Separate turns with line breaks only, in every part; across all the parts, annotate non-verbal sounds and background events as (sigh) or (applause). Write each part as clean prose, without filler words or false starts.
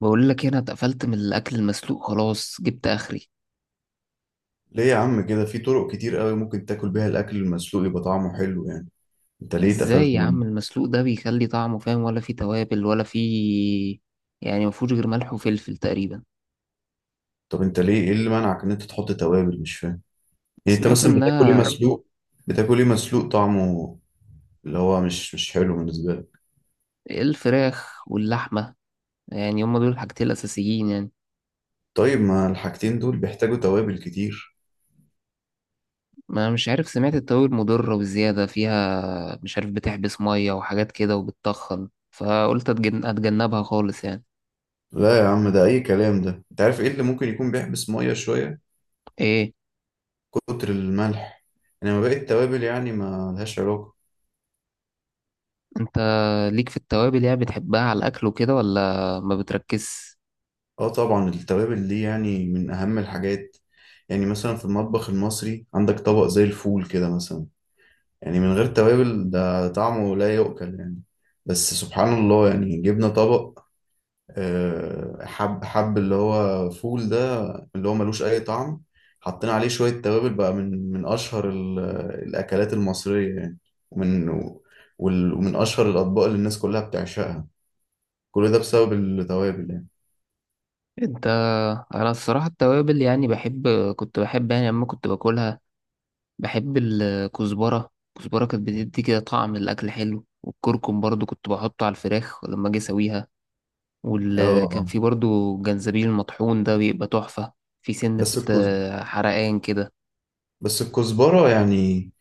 بقول لك ايه، انا اتقفلت من الاكل المسلوق خلاص جبت اخري.
ليه يا عم كده، في طرق كتير قوي ممكن تاكل بيها الاكل المسلوق يبقى طعمه حلو يعني. انت ليه اتقفلت
ازاي يا
منه؟
عم المسلوق ده بيخلي طعمه فاهم؟ ولا فيه توابل ولا فيه، يعني مفهوش غير ملح وفلفل تقريبا.
طب انت ليه، ايه اللي منعك ان انت تحط توابل؟ مش فاهم. يعني انت
سمعت
مثلا بتاكل ايه؟
انها
مسلوق؟ بتاكل ايه مسلوق طعمه اللي هو مش حلو بالنسبه لك؟
الفراخ واللحمه، يعني هما دول الحاجتين الاساسيين يعني.
طيب ما الحاجتين دول بيحتاجوا توابل كتير.
ما مش عارف، سمعت التوابل مضره وزياده فيها مش عارف بتحبس ميه وحاجات كده وبتطخن، فقلت اتجنبها خالص يعني.
لا يا عم، ده اي كلام ده. انت عارف ايه اللي ممكن يكون بيحبس ميه شويه؟
ايه؟
كتر الملح. انما باقي التوابل يعني ما لهاش علاقه.
انت ليك في التوابل يعني؟ بتحبها على الاكل وكده ولا ما بتركزش؟
اه طبعا، التوابل دي يعني من اهم الحاجات. يعني مثلا في المطبخ المصري عندك طبق زي الفول كده مثلا، يعني من غير توابل ده طعمه لا يؤكل يعني. بس سبحان الله، يعني جبنا طبق حب اللي هو فول ده، اللي هو ملوش اي طعم، حطينا عليه شوية توابل بقى، من اشهر الاكلات المصرية يعني. ومن ومن اشهر الاطباق اللي الناس كلها بتعشقها، كل ده بسبب التوابل يعني.
انت انا الصراحه التوابل يعني بحب، كنت بحب يعني لما كنت باكلها. بحب الكزبره، الكزبره كانت بتدي كده طعم الاكل حلو، والكركم برضو كنت بحطه على الفراخ لما اجي اسويها.
اه.
وكان
آه.
في برضو الجنزبيل المطحون ده بيبقى تحفه. في سنه
بس الكزبرة،
حرقان كده.
بس الكزبرة يعني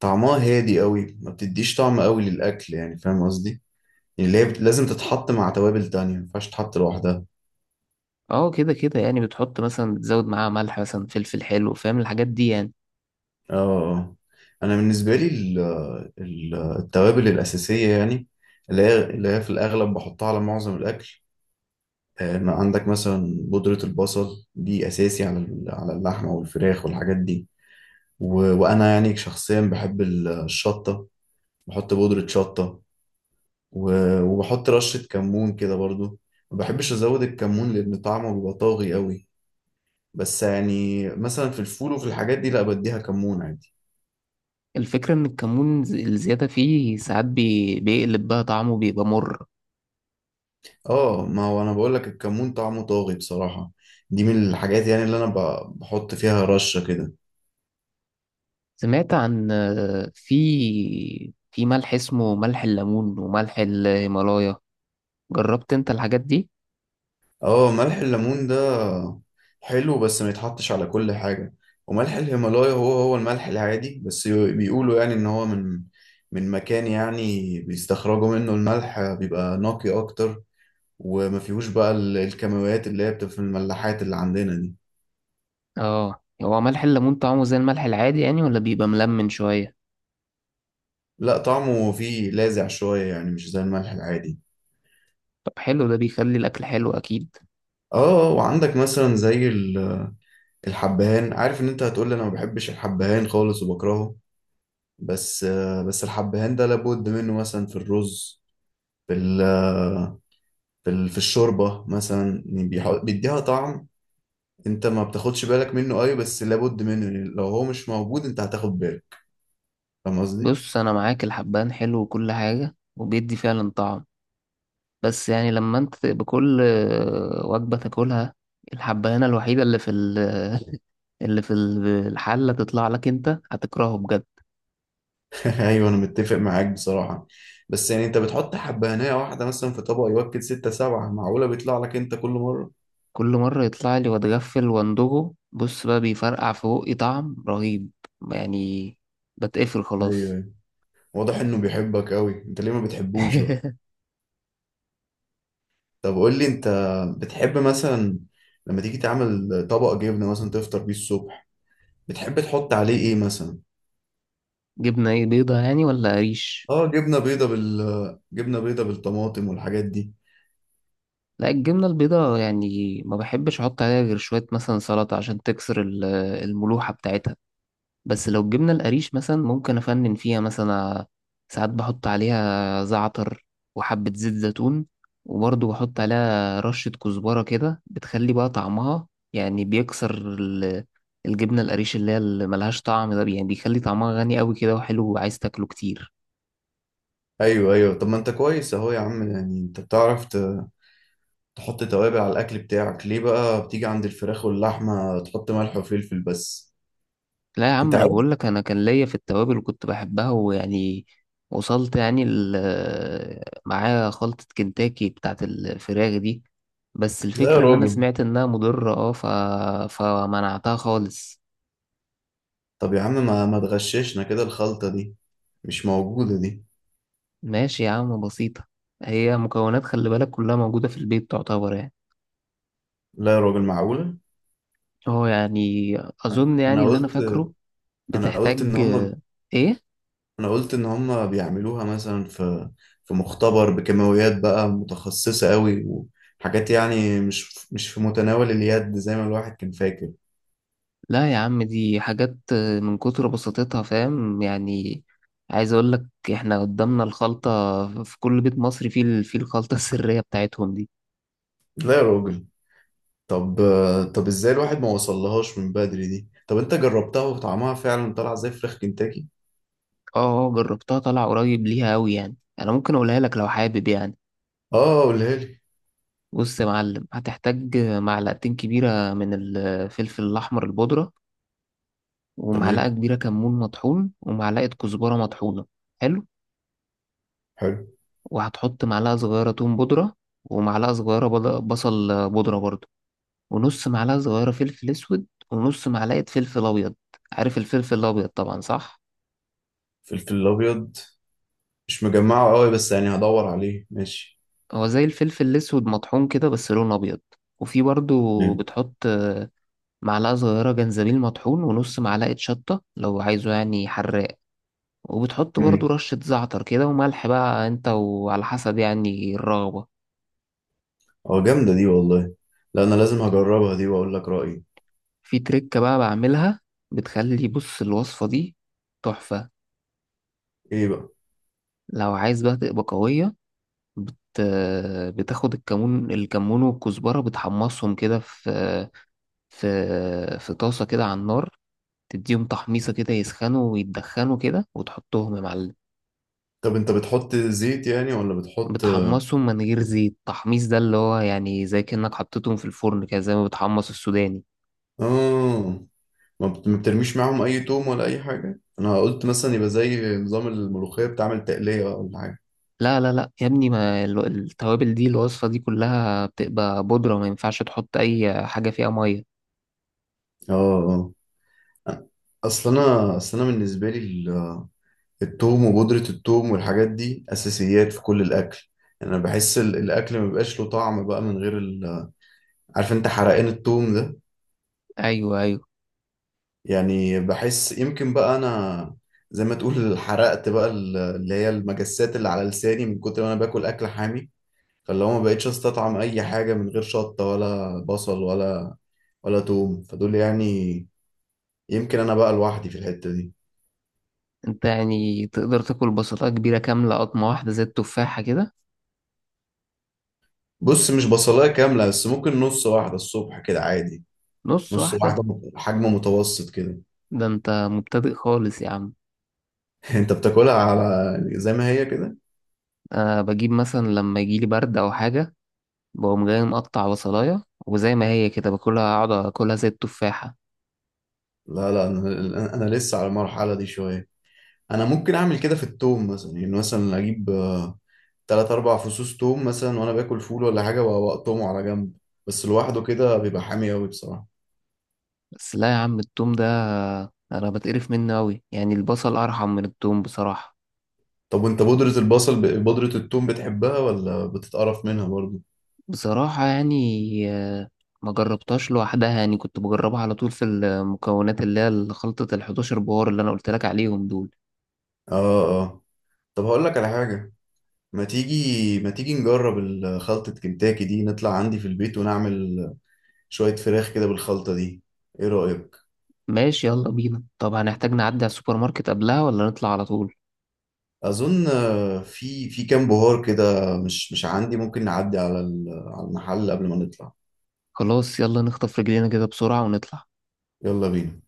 طعمها هادي قوي، ما بتديش طعم قوي للأكل يعني، فاهم قصدي؟ يعني اللي هي لازم تتحط مع توابل تانية، ما ينفعش تتحط لوحدها.
اه كده كده، يعني بتحط مثلا بتزود معاها ملح مثلا فلفل حلو، فاهم الحاجات دي يعني.
اه. آه. انا بالنسبة لي التوابل الأساسية يعني، اللي هي في الأغلب بحطها على معظم الأكل، ما عندك مثلا بودرة البصل دي أساسي على على اللحمة والفراخ والحاجات دي. وأنا يعني شخصيا بحب الشطة، بحط بودرة شطة. وبحط رشة كمون كده برضو. ما بحبش أزود الكمون لأن طعمه بيبقى طاغي قوي، بس يعني مثلا في الفول وفي الحاجات دي لا، بديها كمون عادي.
الفكره ان الكمون الزياده فيه ساعات بيقلب بقى طعمه بيبقى مر.
اه ما هو أنا بقولك الكمون طعمه طاغي بصراحة، دي من الحاجات يعني اللي أنا بحط فيها رشة كده.
سمعت عن، في ملح اسمه ملح الليمون وملح الهيمالايا، جربت انت الحاجات دي؟
اه ملح الليمون ده حلو، بس ما يتحطش على كل حاجة. وملح الهيمالايا هو هو الملح العادي، بس بيقولوا يعني إن هو من من مكان يعني بيستخرجوا منه الملح بيبقى نقي أكتر، وما فيهوش بقى الكيماويات اللي هي بتبقى في الملاحات اللي عندنا دي.
اه هو ملح الليمون طعمه زي الملح العادي يعني ولا بيبقى ملمن شوية؟
لا طعمه فيه لاذع شوية يعني، مش زي الملح العادي.
طب حلو، ده بيخلي الاكل حلو اكيد.
اه. آه، وعندك مثلا زي الحبهان. عارف ان انت هتقول لي انا ما بحبش الحبهان خالص وبكرهه، بس بس الحبهان ده لابد منه مثلا في الرز، في في في الشوربة مثلا، يعني بيديها طعم. انت ما بتاخدش بالك منه اي، بس لابد منه يعني. لو هو مش موجود انت هتاخد بالك، فاهم قصدي؟
بص انا معاك، الحبان حلو وكل حاجة وبيدي فعلا طعم، بس يعني لما انت بكل وجبة تاكلها الحبانة الوحيدة اللي في (laughs) اللي في الحلة تطلع لك، انت هتكرهه بجد.
ايوه انا متفق معاك بصراحه، بس يعني انت بتحط حبهانيه واحده مثلا في طبق يوكل ستة سبعة، معقوله بيطلع لك انت كل مره؟
كل مرة يطلع لي واتغفل واندوجه، بص بقى بيفرقع في بقي طعم رهيب يعني، بتقفل خلاص.
ايوه. واضح انه بيحبك قوي، انت ليه ما بتحبوش بقى؟
(laughs)
طب قول لي انت، بتحب مثلا لما تيجي تعمل طبق جبنه مثلا تفطر بيه الصبح، بتحب تحط عليه ايه مثلا؟
جبنة ايه؟ بيضة يعني ولا قريش؟
اه جبنه بيضه، بال جبنه بيضه بالطماطم والحاجات دي.
لا الجبنة البيضة يعني ما بحبش احط عليها غير شوية مثلا سلطة عشان تكسر الملوحة بتاعتها. بس لو جبنا القريش مثلا ممكن أفنن فيها مثلا، ساعات بحط عليها زعتر وحبة زيت زيتون، وبرضه بحط عليها رشة كزبرة كده بتخلي بقى طعمها، يعني بيكسر الجبنة القريش اللي هي اللي ملهاش طعم ده، يعني بيخلي طعمها غني قوي كده وحلو وعايز تاكله كتير.
ايوه ايوه. طب ما انت كويس اهو يا عم، يعني انت بتعرف تحط توابل على الاكل بتاعك، ليه بقى بتيجي عند الفراخ واللحمه تحط ملح وفلفل بس؟
لا يا عم
انت
انا
عارف؟
بقول لك، انا كان ليا في التوابل وكنت بحبها ويعني وصلت يعني معايا خلطة كنتاكي بتاعت الفراخ دي. بس
لا يا
الفكرة اللي انا
راجل.
سمعت انها مضرة اه ف... فمنعتها خالص.
طب يا عم ما تغششنا كده الخلطه دي، مش موجوده دي.
ماشي يا عم بسيطة، هي مكونات خلي بالك كلها موجودة في البيت تعتبر يعني.
لا يا راجل، معقوله!
اه يعني اظن يعني
انا
اللي انا
قلت
فاكره
انا قلت ان
بتحتاج
هم
ايه؟
انا قلت ان هم بيعملوها مثلا في في مختبر بكيماويات بقى متخصصه قوي، وحاجات يعني مش في متناول اليد زي ما الواحد كان فاكر.
لا يا عم دي حاجات من كتر بساطتها فاهم يعني. عايز اقول لك، احنا قدامنا الخلطة، في كل بيت مصري فيه فيه الخلطة (laughs) السرية بتاعتهم دي.
لا يا راجل. طب طب ازاي الواحد ما وصلهاش من بدري دي؟ طب انت جربتها وطعمها فعلا طلع زي فراخ كنتاكي؟
اه جربتها طالع قريب ليها قوي يعني، انا ممكن اقولها لك لو حابب يعني.
اه قولها لي.
بص يا معلم، هتحتاج معلقتين كبيرة من الفلفل الاحمر البودرة، ومعلقة
تمام.
كبيرة كمون مطحون، ومعلقة كزبرة مطحونة. حلو.
حلو.
وهتحط معلقة صغيرة توم بودرة، ومعلقة صغيرة بصل بودرة برضه، ونص معلقة صغيرة فلفل أسود ونص معلقة فلفل أبيض. عارف الفلفل الأبيض طبعا صح؟
فلفل الابيض مش مجمعه قوي، بس يعني هدور عليه، ماشي.
هو زي الفلفل الأسود مطحون كده بس لونه أبيض. وفي برضو
تمام.
بتحط معلقة صغيرة جنزبيل مطحون، ونص معلقة شطة لو عايزه يعني حراق. وبتحط برضو
امم.
رشة زعتر كده وملح بقى انت وعلى حسب يعني الرغبة.
اه جامده دي والله، لا انا لازم هجربها دي واقول لك رايي.
في تركة بقى بعملها بتخلي، بص الوصفة دي تحفة.
ايه بقى؟
لو عايز بقى تبقى قوية بت... بتاخد الكمون، والكزبرة بتحمصهم كده في في في طاسة كده على النار، تديهم تحميصة كده يسخنوا ويتدخنوا كده وتحطهم يا معلم.
طب انت بتحط زيت يعني ولا بتحط؟
بتحمصهم من غير زيت، تحميص ده اللي هو يعني زي كأنك حطيتهم في الفرن كده زي ما بتحمص السوداني.
اه، ما بت- ما بترميش معاهم اي توم ولا اي حاجه؟ انا قلت مثلا يبقى زي نظام الملوخيه بتعمل تقليه ولا حاجه.
لا لا لا يا ابني، ما ال- التوابل دي الوصفة دي كلها بتبقى بودرة، ما ينفعش تحط أي حاجة فيها مية.
اه. اه. اصل انا بالنسبه لي التوم وبودره التوم والحاجات دي اساسيات في كل الاكل. يعني انا بحس الاكل ما بيبقاش له طعم بقى من غير عارف انت حرقان التوم ده؟
أيوه أيوه.
يعني بحس يمكن بقى انا، زي ما تقول حرقت بقى اللي هي المجسات اللي على لساني من كتر ما انا باكل اكل حامي، فاللي هو ما بقتش استطعم اي حاجه من غير شطه ولا بصل ولا توم، فدول يعني يمكن انا بقى لوحدي في الحته دي.
أنت يعني تقدر تاكل بسطة كبيرة كاملة قطمة واحدة زي التفاحة كده؟
بص مش بصلاية كاملة، بس ممكن نص واحدة الصبح كده عادي.
نص
نص
واحدة؟
واحدة، حجم متوسط كده.
ده انت مبتدئ خالص يا عم.
(laughs) انت بتاكلها على، يعني زي ما هي كده؟
انا بجيب مثلا لما يجيلي برد او حاجه بقوم جاي مقطع بصلايه وزي ما هي كده باكلها، اقعد اكلها زي التفاحه.
لا لا، انا لسه على المرحلة دي شوية. انا ممكن اعمل كده في التوم مثلا، يعني مثلا اجيب تلات اربع فصوص توم مثلا وانا باكل فول ولا حاجة واقطمه على جنب، بس لوحده كده بيبقى حامي قوي بصراحة.
بس لا يا عم التوم ده انا بتقرف منه قوي يعني، البصل ارحم من التوم بصراحه.
طب وانت بودرة البصل، بودرة التوم بتحبها ولا بتتقرف منها برضو؟
بصراحه يعني آه، ما جربتهاش لوحدها، يعني كنت بجربها على طول في المكونات اللي هي خلطه ال 11 بهار اللي انا قلت لك عليهم دول.
اه. اه. طب هقول لك على حاجة، ما تيجي نجرب خلطة كنتاكي دي، نطلع عندي في البيت ونعمل شوية فراخ كده بالخلطة دي، ايه رأيك؟
ماشي يلا بينا، طب هنحتاج نعدي على السوبر ماركت قبلها ولا نطلع على طول؟
اظن آه، في في كام بهار كده مش عندي، ممكن نعدي على على المحل قبل ما نطلع.
خلاص يلا نخطف رجلينا كده بسرعة ونطلع.
يلا بينا.